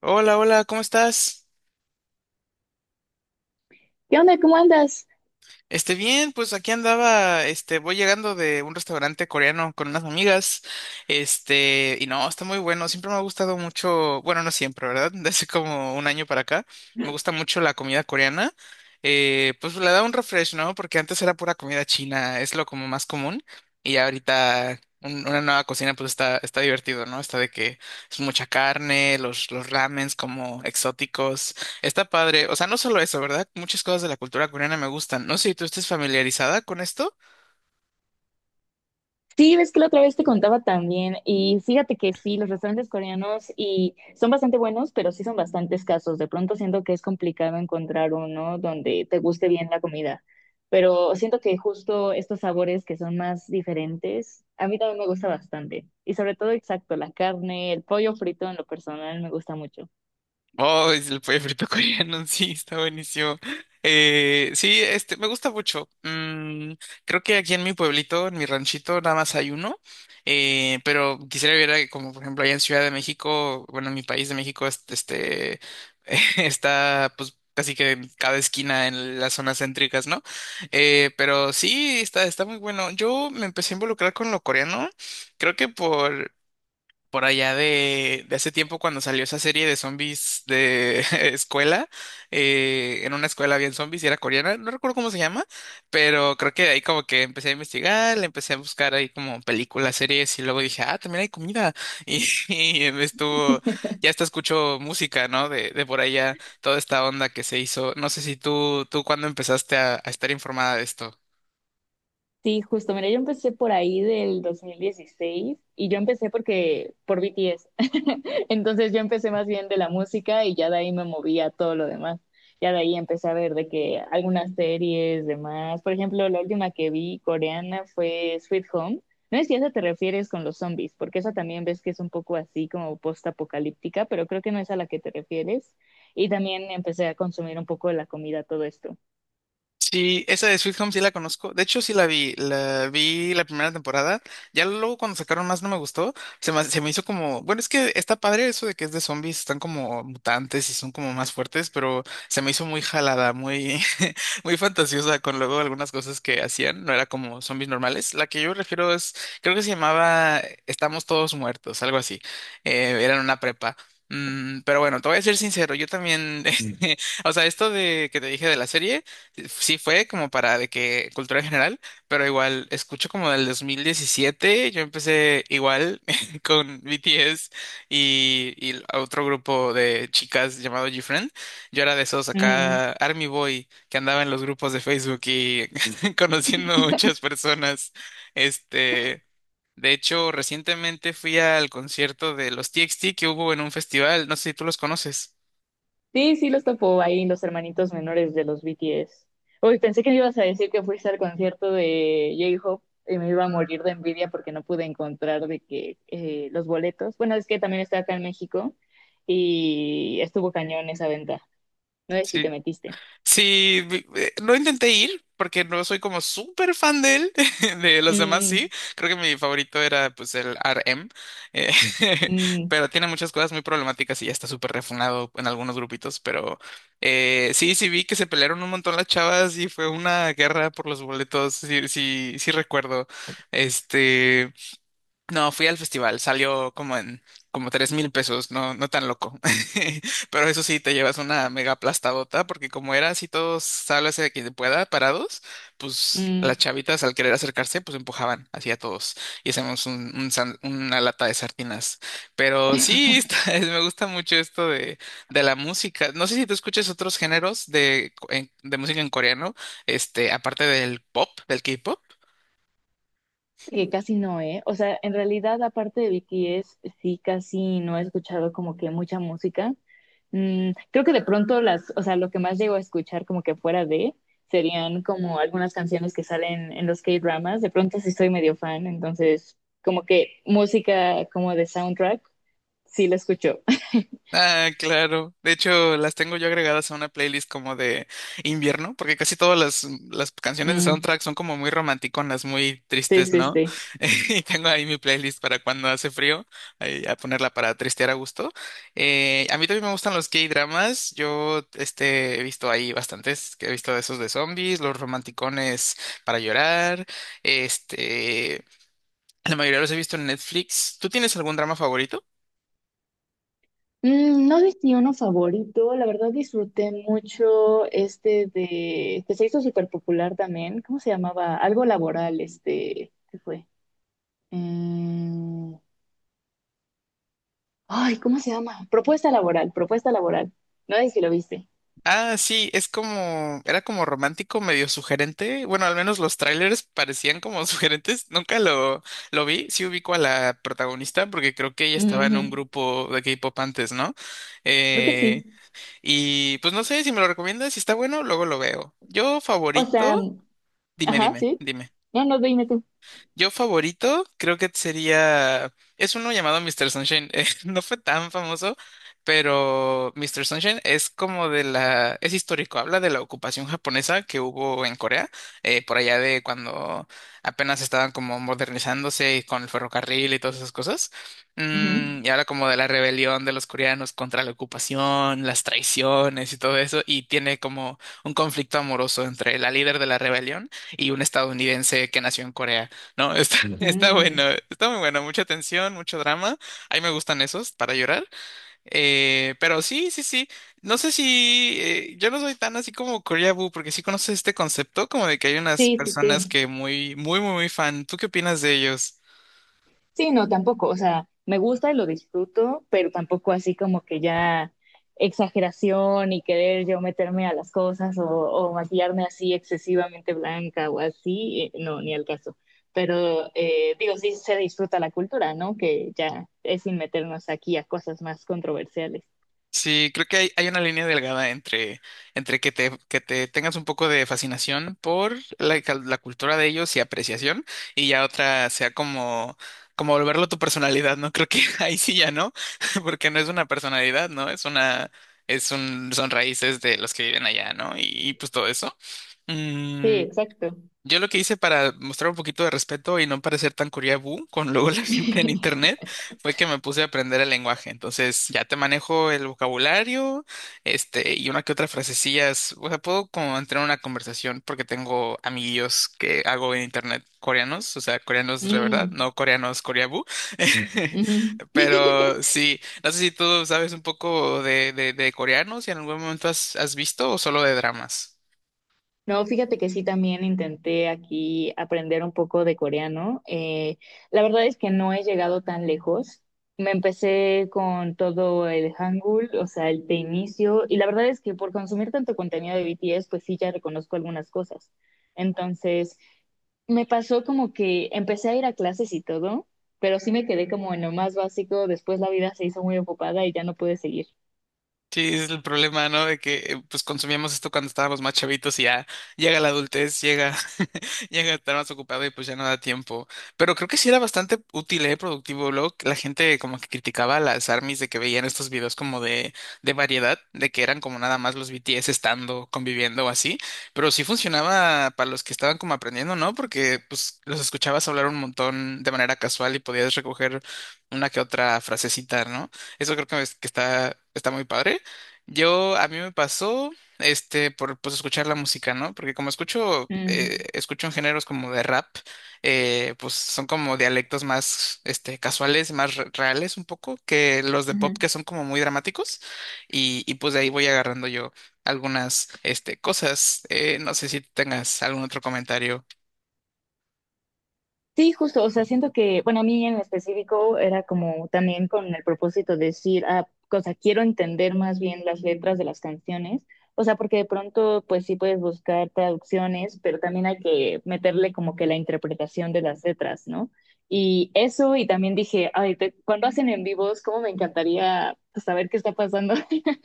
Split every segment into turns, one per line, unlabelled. Hola, hola, ¿cómo estás?
¿Qué onda? ¿Cómo andas?
Bien, pues aquí andaba, voy llegando de un restaurante coreano con unas amigas, y no, está muy bueno, siempre me ha gustado mucho, bueno, no siempre, ¿verdad? Desde como un año para acá, me gusta mucho la comida coreana. Pues le da un refresh, ¿no? Porque antes era pura comida china, es lo como más común, y ya ahorita una nueva cocina pues está divertido, ¿no? Está de que es mucha carne, los ramens como exóticos. Está padre. O sea, no solo eso, ¿verdad? Muchas cosas de la cultura coreana me gustan. No sé si tú estés familiarizada con esto.
Sí, ves que la otra vez te contaba también y fíjate que sí, los restaurantes coreanos y son bastante buenos, pero sí son bastante escasos. De pronto siento que es complicado encontrar uno donde te guste bien la comida, pero siento que justo estos sabores que son más diferentes, a mí también me gusta bastante. Y sobre todo, exacto, la carne, el pollo frito en lo personal me gusta mucho.
Oh, es el pollo frito coreano, sí, está buenísimo. Sí, me gusta mucho. Mm, creo que aquí en mi pueblito, en mi ranchito, nada más hay uno. Pero quisiera ver, como por ejemplo, allá en Ciudad de México, bueno, en mi país de México, está, pues, casi que en cada esquina en las zonas céntricas, ¿no? Pero sí, está muy bueno. Yo me empecé a involucrar con lo coreano, creo que por allá de hace tiempo cuando salió esa serie de zombies de escuela, en una escuela había zombies y era coreana, no recuerdo cómo se llama, pero creo que de ahí como que empecé a investigar, le empecé a buscar ahí como películas, series y luego dije, ah, también hay comida y, y me estuvo, ya hasta escucho música, ¿no? De por allá, toda esta onda que se hizo, no sé si tú cuándo empezaste a estar informada de esto.
Sí, justo, mira, yo empecé por ahí del 2016 y yo empecé porque por BTS. Entonces yo empecé más bien de la música y ya de ahí me moví a todo lo demás. Ya de ahí empecé a ver de que algunas series, demás. Por ejemplo, la última que vi coreana fue Sweet Home. No sé si a esa te refieres con los zombies, porque esa también ves que es un poco así como post-apocalíptica, pero creo que no es a la que te refieres. Y también empecé a consumir un poco de la comida, todo esto.
Sí, esa de Sweet Home sí la conozco. De hecho, sí la vi. La vi la primera temporada. Ya luego cuando sacaron más no me gustó. Se me hizo como, bueno, es que está padre eso de que es de zombies, están como mutantes y son como más fuertes, pero se me hizo muy jalada, muy fantasiosa con luego algunas cosas que hacían. No era como zombies normales. La que yo refiero es, creo que se llamaba Estamos todos muertos, algo así. Era en una prepa. Mm, pero bueno, te voy a ser sincero, yo también, o sea, esto de que te dije de la serie. Sí, fue como para de que cultura general, pero igual escucho como del 2017, yo empecé igual con BTS y otro grupo de chicas llamado GFriend. Yo era de esos
Mm.
acá Army Boy que andaba en los grupos de Facebook y conociendo muchas personas. Este, de hecho, recientemente fui al concierto de los TXT que hubo en un festival, no sé si tú los conoces.
Sí, sí, los topó ahí los hermanitos menores de los BTS. Uy, pensé que me ibas a decir que fuiste al concierto de J-Hope y me iba a morir de envidia porque no pude encontrar de que los boletos. Bueno, es que también está acá en México y estuvo cañón esa venta. No sé si te metiste.
Sí, no intenté ir porque no soy como súper fan de él, de los demás sí,
Mm,
creo que mi favorito era pues el RM, eh,
mm,
pero tiene muchas cosas muy problemáticas y ya está súper refunado en algunos grupitos, pero sí, sí vi que se pelearon un montón las chavas y fue una guerra por los boletos, sí recuerdo, este... No, fui al festival, salió como 3000 pesos, no tan loco. Pero eso sí, te llevas una mega aplastadota, porque como era así todos, sálvese de quien pueda, parados,
mm.
pues las
Mm.
chavitas al querer acercarse, pues empujaban hacia todos y hacemos un, una lata de sardinas. Pero sí, me gusta mucho esto de la música. No sé si tú escuchas otros géneros de música en coreano, aparte del pop, del K-pop.
Que casi no, ¿eh? O sea, en realidad, aparte de BTS, sí, casi no he escuchado como que mucha música. Creo que de pronto las, o sea, lo que más llego a escuchar como que fuera de serían como algunas canciones que salen en los K-dramas. De pronto sí soy medio fan, entonces como que música como de soundtrack, sí la escucho.
Ah, claro. De hecho, las tengo yo agregadas a una playlist como de invierno, porque casi todas las canciones de
Mm,
soundtrack son como muy romanticonas, muy
sí,
tristes,
sí,
¿no?
sí.
Y tengo ahí mi playlist para cuando hace frío, ahí a ponerla para tristear a gusto. A mí también me gustan los K-dramas. Yo he visto ahí bastantes, que he visto esos de zombies, los romanticones para llorar. Este, la mayoría los he visto en Netflix. ¿Tú tienes algún drama favorito?
Mm, no sé si uno favorito, la verdad disfruté mucho este de, que se hizo súper popular también, ¿cómo se llamaba? Algo laboral, este, ¿qué fue? Mm, ay, ¿cómo se llama? Propuesta laboral, propuesta laboral. No sé si lo viste.
Ah, sí, es como, era como romántico, medio sugerente. Bueno, al menos los trailers parecían como sugerentes. Nunca lo, lo vi. Sí ubico a la protagonista porque creo que ella estaba en un
Ujú.
grupo de K-pop antes, ¿no?
Creo que sí.
Eh, y pues no sé si me lo recomiendas, si está bueno, luego lo veo. Yo
O sea,
favorito, dime,
ajá,
dime,
sí.
dime.
No, no, dime tú.
Yo favorito creo que sería, es uno llamado Mister Sunshine. No fue tan famoso, pero Mister Sunshine es como de la, es histórico, habla de la ocupación japonesa que hubo en Corea, por allá de cuando apenas estaban como modernizándose y con el ferrocarril y todas esas cosas.
Ujú.
Mm, y habla como de la rebelión de los coreanos contra la ocupación, las traiciones y todo eso, y tiene como un conflicto amoroso entre la líder de la rebelión y un estadounidense que nació en Corea. No, está, está bueno,
Mm,
está muy bueno, mucha tensión, mucho drama. A mí me gustan esos para llorar. Pero sí, sí, sí. No sé si yo no soy tan así como Korea Boo, porque sí conoces este concepto, como de que hay unas
sí, sí,
personas
sí.
que muy, muy, muy, muy fan. ¿Tú qué opinas de ellos?
Sí, no, tampoco, o sea, me gusta y lo disfruto, pero tampoco así como que ya exageración y querer yo meterme a las cosas o maquillarme así excesivamente blanca o así, no, ni al caso. Pero digo, sí se disfruta la cultura, ¿no? Que ya es sin meternos aquí a cosas más controversiales.
Sí, creo que hay una línea delgada entre, entre que te tengas un poco de fascinación por la cultura de ellos y apreciación, y ya otra sea como, como volverlo tu personalidad, ¿no? Creo que ahí sí ya no, porque no es una personalidad, ¿no? Es un, son raíces de los que viven allá, ¿no? Y pues todo eso.
Sí,
Mm,
exacto.
yo lo que hice para mostrar un poquito de respeto y no parecer tan curiabú con luego la gente en internet fue que me puse a aprender el lenguaje. Entonces ya te manejo el vocabulario, y una que otra frasecillas. O sea, puedo como entrar en una conversación porque tengo amiguillos que hago en internet coreanos, o sea, coreanos de verdad,
Mm,
no coreanos coreabú.
ujú.
Pero sí, no sé si tú sabes un poco de coreanos y en algún momento has visto o solo de dramas.
No, fíjate que sí, también intenté aquí aprender un poco de coreano. La verdad es que no he llegado tan lejos. Me empecé con todo el Hangul, o sea, el de inicio, y la verdad es que por consumir tanto contenido de BTS, pues sí, ya reconozco algunas cosas. Entonces, me pasó como que empecé a ir a clases y todo, pero sí me quedé como en lo más básico. Después la vida se hizo muy ocupada y ya no pude seguir.
Sí, es el problema, ¿no? De que pues consumíamos esto cuando estábamos más chavitos y ya llega la adultez, llega, llega a estar más ocupado y pues ya no da tiempo. Pero creo que sí era bastante útil, ¿eh? Productivo. Luego la gente como que criticaba a las ARMYs de que veían estos videos como de variedad, de que eran como nada más los BTS estando, conviviendo o así. Pero sí funcionaba para los que estaban como aprendiendo, ¿no? Porque pues los escuchabas hablar un montón de manera casual y podías recoger una que otra frasecita, ¿no? Eso creo que, que está, está muy padre. Yo, a mí me pasó, por pues escuchar la música, ¿no? Porque como escucho,
Mm,
escucho en géneros como de rap, pues son como dialectos más, casuales, más reales un poco, que los de pop
ujú.
que son como muy dramáticos, y pues de ahí voy agarrando yo algunas, cosas. No sé si tengas algún otro comentario.
Sí, justo, o sea, siento que, bueno, a mí en específico era como también con el propósito de decir, ah, o sea, quiero entender más bien las letras de las canciones, o sea, porque de pronto, pues sí puedes buscar traducciones, pero también hay que meterle como que la interpretación de las letras, ¿no? Y eso, y también dije, ay, cuando hacen en vivos, cómo me encantaría pues, saber qué está pasando.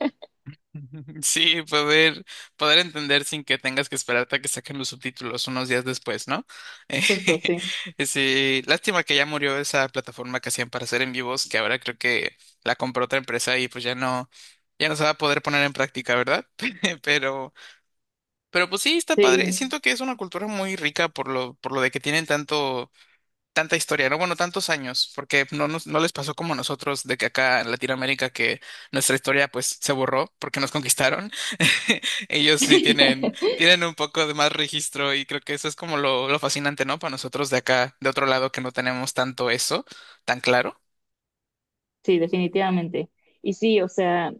Sí, poder, poder entender sin que tengas que esperarte a que saquen los subtítulos unos días después, ¿no? Eh,
Justo, sí,
sí, lástima que ya murió esa plataforma que hacían para hacer en vivos, que ahora creo que la compró otra empresa y pues ya no, ya no se va a poder poner en práctica, ¿verdad? Pero, pero pues sí, está
sí,
padre. Siento que es una cultura muy rica por lo de que tienen tanto tanta historia, ¿no? Bueno, tantos años, porque no les pasó como a nosotros de que acá en Latinoamérica que nuestra historia pues se borró porque nos conquistaron. Ellos sí tienen, tienen un poco de más registro y creo que eso es como lo fascinante, ¿no? Para nosotros de acá, de otro lado, que no tenemos tanto eso tan claro.
sí, definitivamente. Y sí, o sea,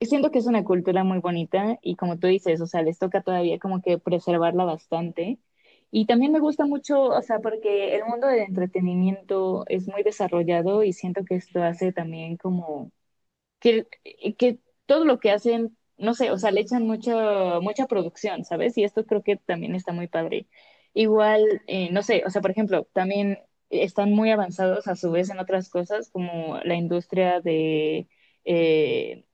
siento que es una cultura muy bonita y como tú dices, o sea, les toca todavía como que preservarla bastante. Y también me gusta mucho, o sea, porque el mundo del entretenimiento es muy desarrollado y siento que esto hace también como que, que todo lo que hacen, no sé, o sea, le echan mucha, mucha producción, ¿sabes? Y esto creo que también está muy padre. Igual, no sé, o sea, por ejemplo, también están muy avanzados a su vez en otras cosas como la industria eh,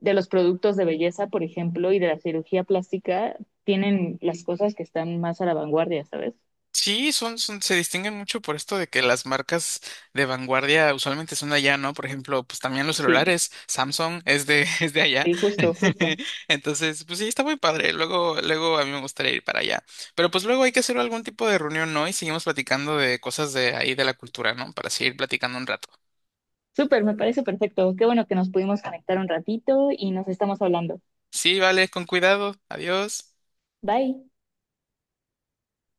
de los productos de belleza, por ejemplo, y de la cirugía plástica, tienen las cosas que están más a la vanguardia, ¿sabes?
Sí, se distinguen mucho por esto de que las marcas de vanguardia usualmente son de allá, ¿no? Por ejemplo, pues también los
Sí,
celulares, Samsung es de, es de allá.
sí, justo, justo.
Entonces, pues sí, está muy padre. Luego, luego a mí me gustaría ir para allá. Pero pues luego hay que hacer algún tipo de reunión, ¿no? Y seguimos platicando de cosas de ahí de la cultura, ¿no? Para seguir platicando un rato.
Súper, me parece perfecto. Qué bueno que nos pudimos conectar un ratito y nos estamos hablando.
Sí, vale, con cuidado. Adiós.
Bye.